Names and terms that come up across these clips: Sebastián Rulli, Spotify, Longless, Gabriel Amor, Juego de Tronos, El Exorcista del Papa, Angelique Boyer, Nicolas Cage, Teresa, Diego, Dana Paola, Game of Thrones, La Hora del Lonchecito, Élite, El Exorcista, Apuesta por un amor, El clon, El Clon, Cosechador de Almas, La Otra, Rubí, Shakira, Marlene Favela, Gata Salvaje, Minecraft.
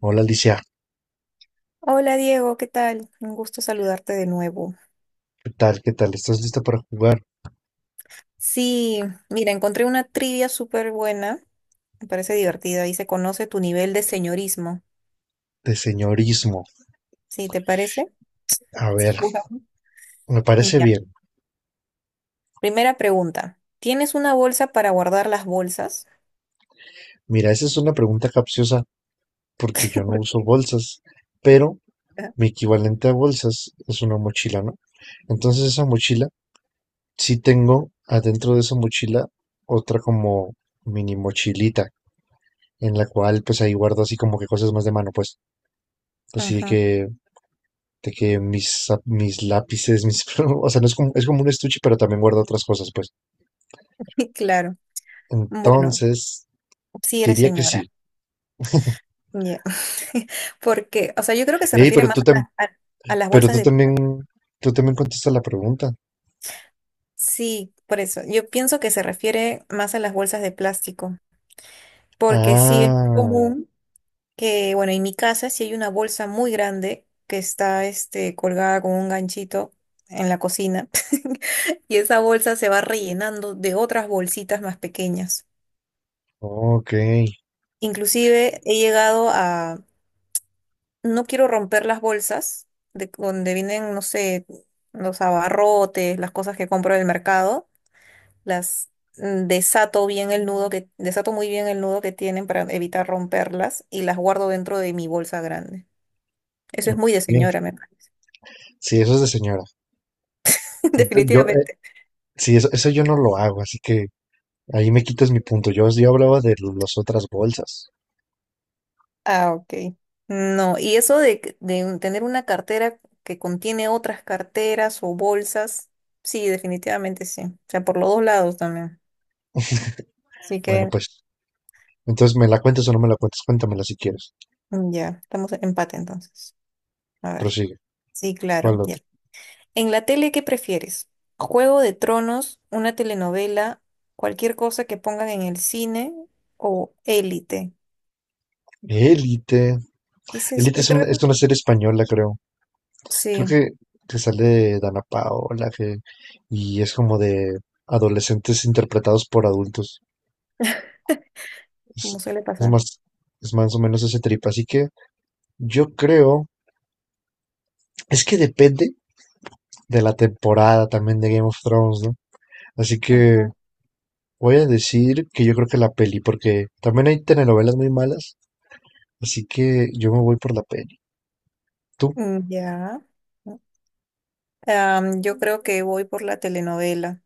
Hola Alicia, Hola Diego, ¿qué tal? Un gusto saludarte de nuevo. ¿qué tal? ¿Qué tal? ¿Estás lista para jugar Sí, mira, encontré una trivia súper buena, me parece divertida y se conoce tu nivel de señorismo. de señorismo? ¿Sí, te parece? A Sí, ver, jugamos. me parece Ya. bien. Primera pregunta. ¿Tienes una bolsa para guardar las bolsas? Mira, esa es una pregunta capciosa porque yo no ¿Por uso qué? bolsas, pero mi equivalente a bolsas es una mochila, ¿no? Entonces esa mochila, sí tengo adentro de esa mochila otra como mini mochilita en la cual pues ahí guardo así como que cosas más de mano, pues así Ajá, de que mis, mis lápices, mis, o sea, no es como, es como un estuche, pero también guardo otras cosas, pues. claro. Bueno, Entonces, sí eres diría que señora. sí. Ya. Porque, o sea, yo creo que se Ey, refiere pero más tú, a, la- a- a las pero bolsas de plástico. tú también contestas la pregunta. Sí, por eso. Yo pienso que se refiere más a las bolsas de plástico. Porque sí es Ah, común que, bueno, en mi casa sí hay una bolsa muy grande que está este, colgada con un ganchito en la cocina y esa bolsa se va rellenando de otras bolsitas más pequeñas. ok. Inclusive he llegado a, no quiero romper las bolsas de donde vienen, no sé, los abarrotes, las cosas que compro del mercado, las desato bien el nudo que desato muy bien el nudo que tienen para evitar romperlas y las guardo dentro de mi bolsa grande. Eso es muy de Bien. señora, me parece. Sí, eso es de señora. Yo, Definitivamente. sí, eso yo no lo hago, así que ahí me quitas mi punto. Yo hablaba de las otras bolsas. Ah, ok. No, y eso de tener una cartera que contiene otras carteras o bolsas, sí, definitivamente sí. O sea, por los dos lados también. Así Bueno, que pues, entonces, ¿me la cuentas o no me la cuentas? Cuéntamela si quieres. Ya, estamos en empate entonces. A ver. Prosigue. Sí, claro, ¿Cuál ya. otra? En la tele, ¿qué prefieres? ¿Juego de Tronos, una telenovela, cualquier cosa que pongan en el cine o Élite? Élite. ¿Qué es eso? Élite Es es, creo que es una serie española, creo. Creo sí, que sale Dana Paola, que, y es como de adolescentes interpretados por adultos. Es, como suele es pasar. más, es más o menos ese trip. Así que yo creo, es que depende de la temporada también de Game of Thrones, ¿no? Así que voy a decir que yo creo que la peli, porque también hay telenovelas muy malas, así que yo me voy por la peli. ¿Tú? Mm, ya. Yo creo que voy por la telenovela.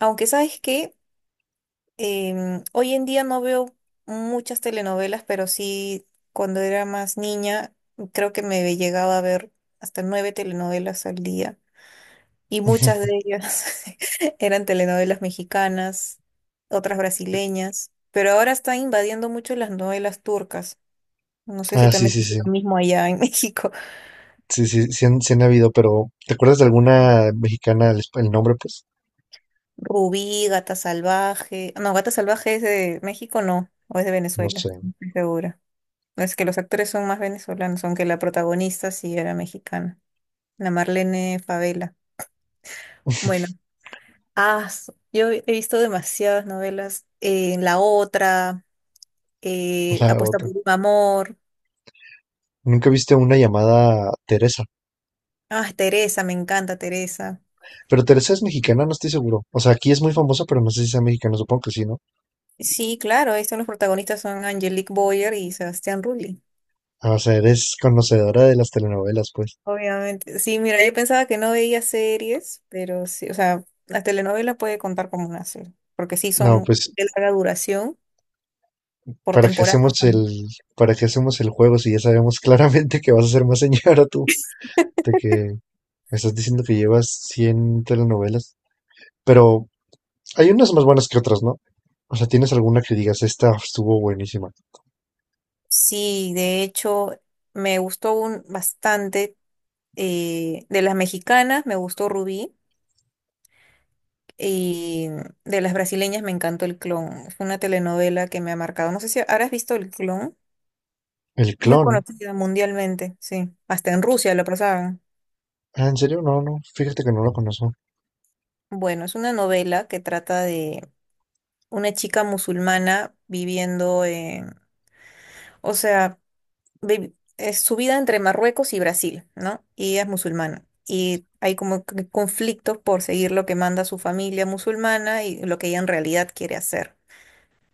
Aunque sabes que hoy en día no veo muchas telenovelas, pero sí cuando era más niña creo que me llegaba a ver hasta nueve telenovelas al día. Y muchas de ellas eran telenovelas mexicanas, otras brasileñas. Pero ahora están invadiendo mucho las novelas turcas. No sé si Ah, sí, también sí, es sí. lo mismo allá en México. Sí, sí, sí han habido, pero ¿te acuerdas de alguna mexicana el, el nombre? Pues Rubí, Gata Salvaje. No, Gata Salvaje es de México, no, o es de no Venezuela, sé, no estoy segura. Es que los actores son más venezolanos, aunque la protagonista sí era mexicana, la Marlene Favela. Bueno, ah, yo he visto demasiadas novelas. La Otra, la Apuesta por otra. un amor. Nunca viste una llamada Teresa, Ah, Teresa, me encanta Teresa. pero Teresa es mexicana, no estoy seguro. O sea, aquí es muy famosa, pero no sé si sea mexicana, supongo que sí, ¿no? Sí, claro, ahí son los protagonistas, son Angelique Boyer y Sebastián Rulli. Ah, o sea, eres conocedora de las telenovelas, pues. Obviamente. Sí, mira, yo pensaba que no veía series, pero sí, o sea, las telenovelas puede contar como una serie, porque sí No, son pues, de larga duración, por ¿para qué temporada hacemos también. Para qué hacemos el juego si ya sabemos claramente que vas a ser más señora tú? De que me estás diciendo que llevas 100 telenovelas. Pero hay unas más buenas que otras, ¿no? O sea, ¿tienes alguna que digas, esta estuvo buenísima? Sí, de hecho, me gustó bastante, de las mexicanas me gustó Rubí, y de las brasileñas me encantó El Clon. Fue una telenovela que me ha marcado. No sé si habrás visto El Clon, El muy clon. conocida mundialmente, sí. Hasta en Rusia lo pasaban. Ah, ¿en serio? No, no, fíjate que no lo conozco. Bueno, es una novela que trata de una chica musulmana viviendo en, o sea, es su vida entre Marruecos y Brasil, ¿no? Y ella es musulmana. Y hay como que conflictos por seguir lo que manda su familia musulmana y lo que ella en realidad quiere hacer,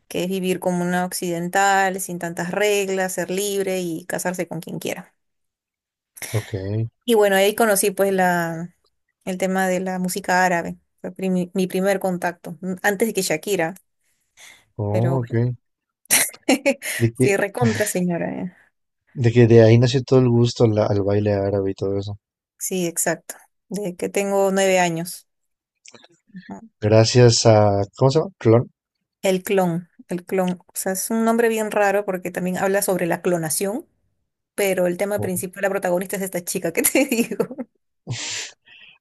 que es vivir como una occidental, sin tantas reglas, ser libre y casarse con quien quiera. Ok, Y bueno, ahí conocí pues el tema de la música árabe. Fue mi primer contacto, antes de que Shakira, pero oh, bueno, ok. De que, sí, recontra señora. ¿Eh? de que de ahí nació todo el gusto al baile árabe y todo eso. Sí, exacto. De que tengo 9 años. Ujú. Gracias a, ¿cómo se llama? Clon. El clon, el clon. O sea, es un nombre bien raro porque también habla sobre la clonación, pero el tema principal, la protagonista es esta chica que te digo.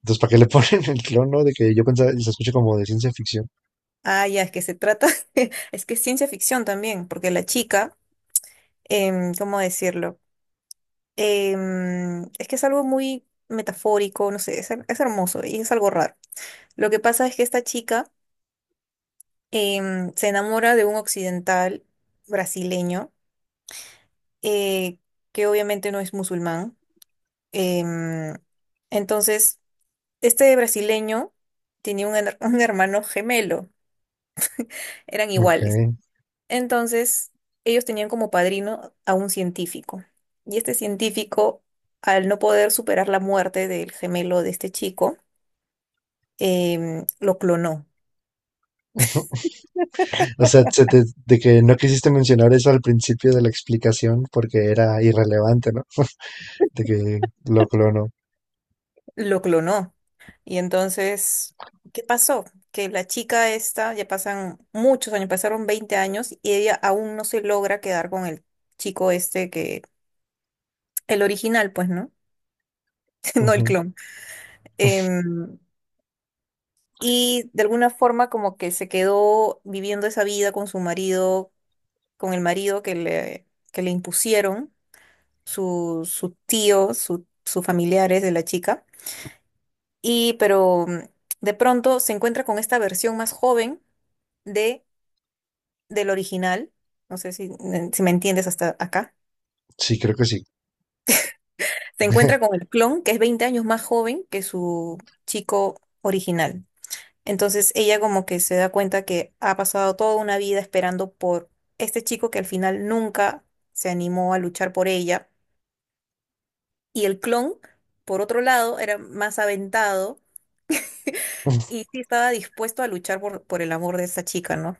Entonces, ¿para qué le ponen el clon, no? De que yo pensaba, y se escucha como de ciencia ficción. Ah, ya, es que se trata, es que es ciencia ficción también, porque la chica, ¿cómo decirlo? Es que es algo muy metafórico, no sé, es hermoso y es algo raro. Lo que pasa es que esta chica se enamora de un occidental brasileño eh, que obviamente no es musulmán. Em, entonces, este brasileño tenía un hermano gemelo, eran Ok. iguales. Entonces, ellos tenían como padrino a un científico. Y este científico, al no poder superar la muerte del gemelo de este chico, lo clonó. O sea, de que no quisiste mencionar eso al principio de la explicación porque era irrelevante, ¿no? De que lo clonó. Lo clonó. Y entonces, ¿qué pasó? Que la chica esta, ya pasan muchos años, pasaron 20 años y ella aún no se logra quedar con el chico este el original, pues, ¿no? No el Ujú. clon. Em, y de alguna forma como que se quedó viviendo esa vida con su marido, con el marido que le impusieron su tío, sus familiares de la chica. Y pero de pronto se encuentra con esta versión más joven, de del original. No sé si me entiendes hasta acá, Sí, creo que sí. se encuentra con el clon que es 20 años más joven que su chico original. Entonces ella como que se da cuenta que ha pasado toda una vida esperando por este chico que al final nunca se animó a luchar por ella. Y el clon, por otro lado, era más aventado y sí estaba dispuesto a luchar por el amor de esta chica, ¿no?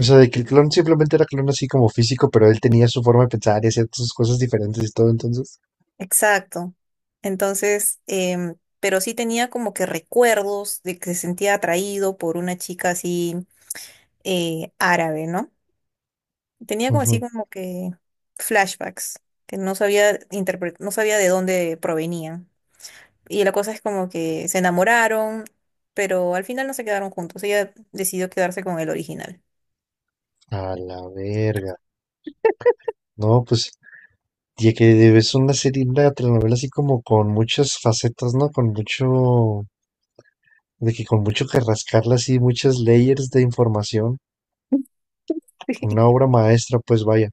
O sea, de que el clon simplemente era clon así como físico, pero él tenía su forma de pensar y hacía sus cosas diferentes y todo, entonces. Exacto. Entonces, pero sí tenía como que recuerdos de que se sentía atraído por una chica así árabe, ¿no? Tenía como así Ujú. como que flashbacks que no sabía no sabía de dónde provenían. Y la cosa es como que se enamoraron, pero al final no se quedaron juntos. Ella decidió quedarse con el original. A la verga. No, pues, ya que es una serie, una telenovela así como con muchas facetas, ¿no? Con mucho, de que con mucho que rascarle así, muchas layers de información. Una obra maestra, pues vaya.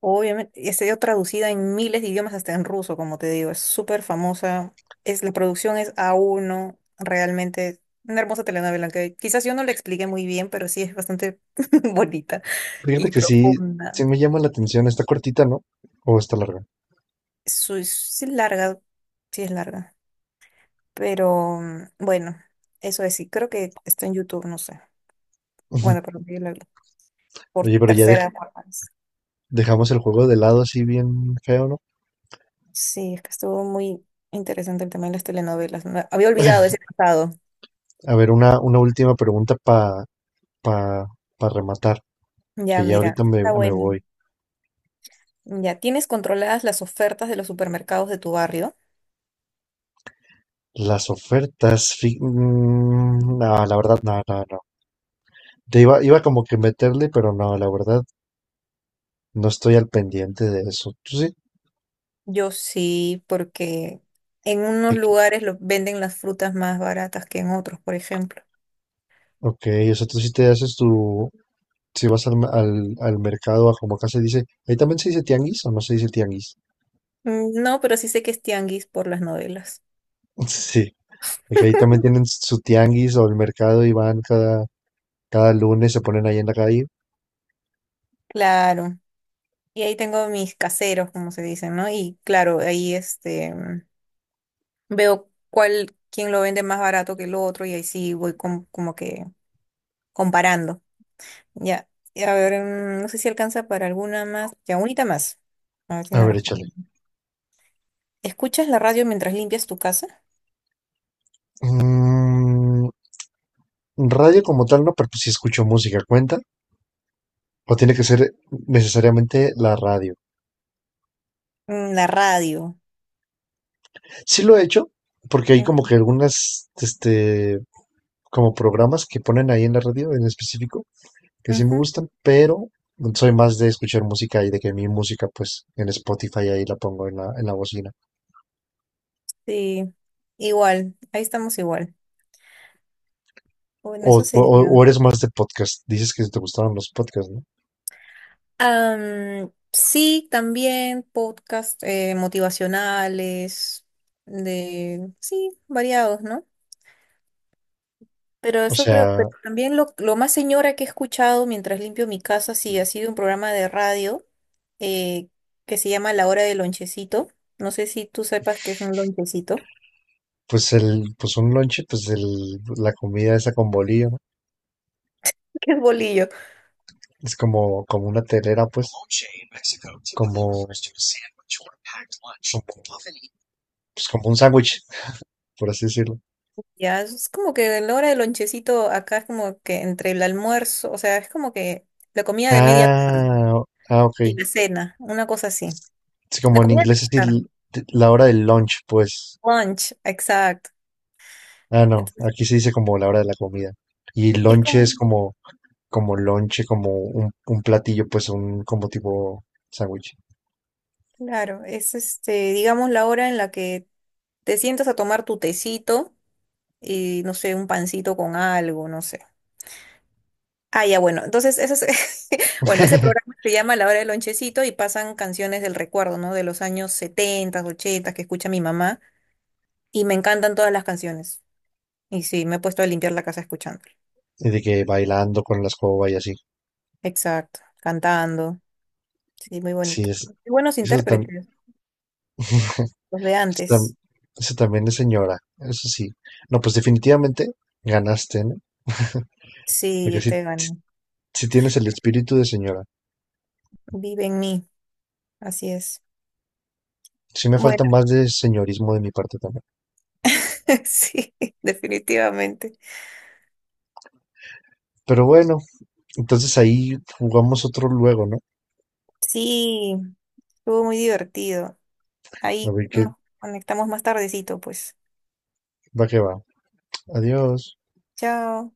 Obviamente, y ha sido traducida en miles de idiomas, hasta en ruso, como te digo, es súper famosa. Es, la producción es a uno realmente una hermosa telenovela que quizás yo no la expliqué muy bien, pero sí es bastante bonita y Fíjate que sí, profunda. sí me llama la atención. Está cortita, ¿no? O está larga. Sí es larga, sí es larga, pero bueno, sí, creo que está en YouTube, no sé. Bueno, pero yo la vi por Oye, pero ya tercera vez. dejamos el juego de lado así bien feo, ¿no? Sí, es que estuvo muy interesante el tema de las telenovelas. Había olvidado ese pasado. A ver, una última pregunta para pa, pa pa rematar, Ya, que ya mira, ahorita me, está me bueno. voy. Ya, ¿tienes controladas las ofertas de los supermercados de tu barrio? Las ofertas, no, la verdad, no, no, no. Te iba como que meterle, pero no, la verdad, no estoy al pendiente de eso. ¿Tú sí? Yo sí, porque en De unos que- lugares venden las frutas más baratas que en otros, por ejemplo. Ok, o sea, tú sí te haces tu, si vas al mercado, a como acá se dice, ahí también se dice tianguis o no se dice tianguis. Mm, no, pero sí sé que es tianguis por las novelas. Sí, y que ahí también tienen su tianguis o el mercado y van cada, cada lunes, se ponen ahí en la calle. Claro. Y ahí tengo mis caseros, como se dicen, ¿no? Y claro, ahí este veo quién lo vende más barato que el otro, y ahí sí voy como que comparando. Ya, y a ver, no sé si alcanza para alguna más. Ya, unita más. A ver si A la ver, échale. respondo. ¿Escuchas la radio mientras limpias tu casa? Mm, radio como tal no, pero pues sí escucho música, ¿cuenta? O tiene que ser necesariamente la radio. La radio. Sí lo he hecho, porque hay como Mm, que algunas, este, como programas que ponen ahí en la radio en específico, que sí me ujú, gustan, pero soy más de escuchar música y de que mi música, pues, en Spotify ahí la pongo en en la bocina. sí, igual, ahí estamos igual. Bueno, eso sería. O eres más de podcast. Dices que te gustaban los podcasts, ¿no? Sí, también podcast motivacionales, sí, variados, ¿no? Pero O eso creo, sea, pero también lo más señora que he escuchado mientras limpio mi casa, sí, ha sido un programa de radio eh, que se llama La Hora del Lonchecito. No sé si tú sepas qué es un lonchecito. pues pues un lonche, pues el, la comida esa con bolillo, ¿no? ¿Qué es bolillo? Es como, como una telera, como, pues como un sándwich, por así decirlo. Ya, es como que en la hora del lonchecito acá es como que entre el almuerzo, o sea, es como que la comida de media tarde Ah, ah, ok. y la cena, una cosa así. Es La como en comida de inglés es media tarde. la hora del lunch, pues. Lunch, exacto. Ah, no, Entonces, aquí se dice como la hora de la comida. Y y es lonche como, es como, como lonche, como un platillo, pues un, como tipo sándwich. claro, es este, digamos, la hora en la que te sientas a tomar tu tecito y no sé, un pancito con algo, no sé. Ah, ya, bueno, entonces bueno, ese programa se llama La Hora del Lonchecito y pasan canciones del recuerdo, ¿no? De los años 70, 80 que escucha mi mamá y me encantan todas las canciones. Y sí, me he puesto a limpiar la casa escuchando. Y de que bailando con la escoba y así. Exacto, cantando. Sí, muy Sí, bonito. es, Y buenos eso, intérpretes, los de eso tam- antes. eso también es señora, eso sí. No, pues definitivamente ganaste, ¿no? Porque Sí, sí, te ganan. sí tienes el espíritu de señora. Vive en mí, así es. Sí me Bueno, falta más de señorismo de mi parte también. sí, definitivamente. Pero bueno, entonces ahí jugamos otro luego, ¿no? Sí, estuvo muy divertido. A Ahí ver qué nos conectamos más tardecito, pues. va que va. Adiós. Chao.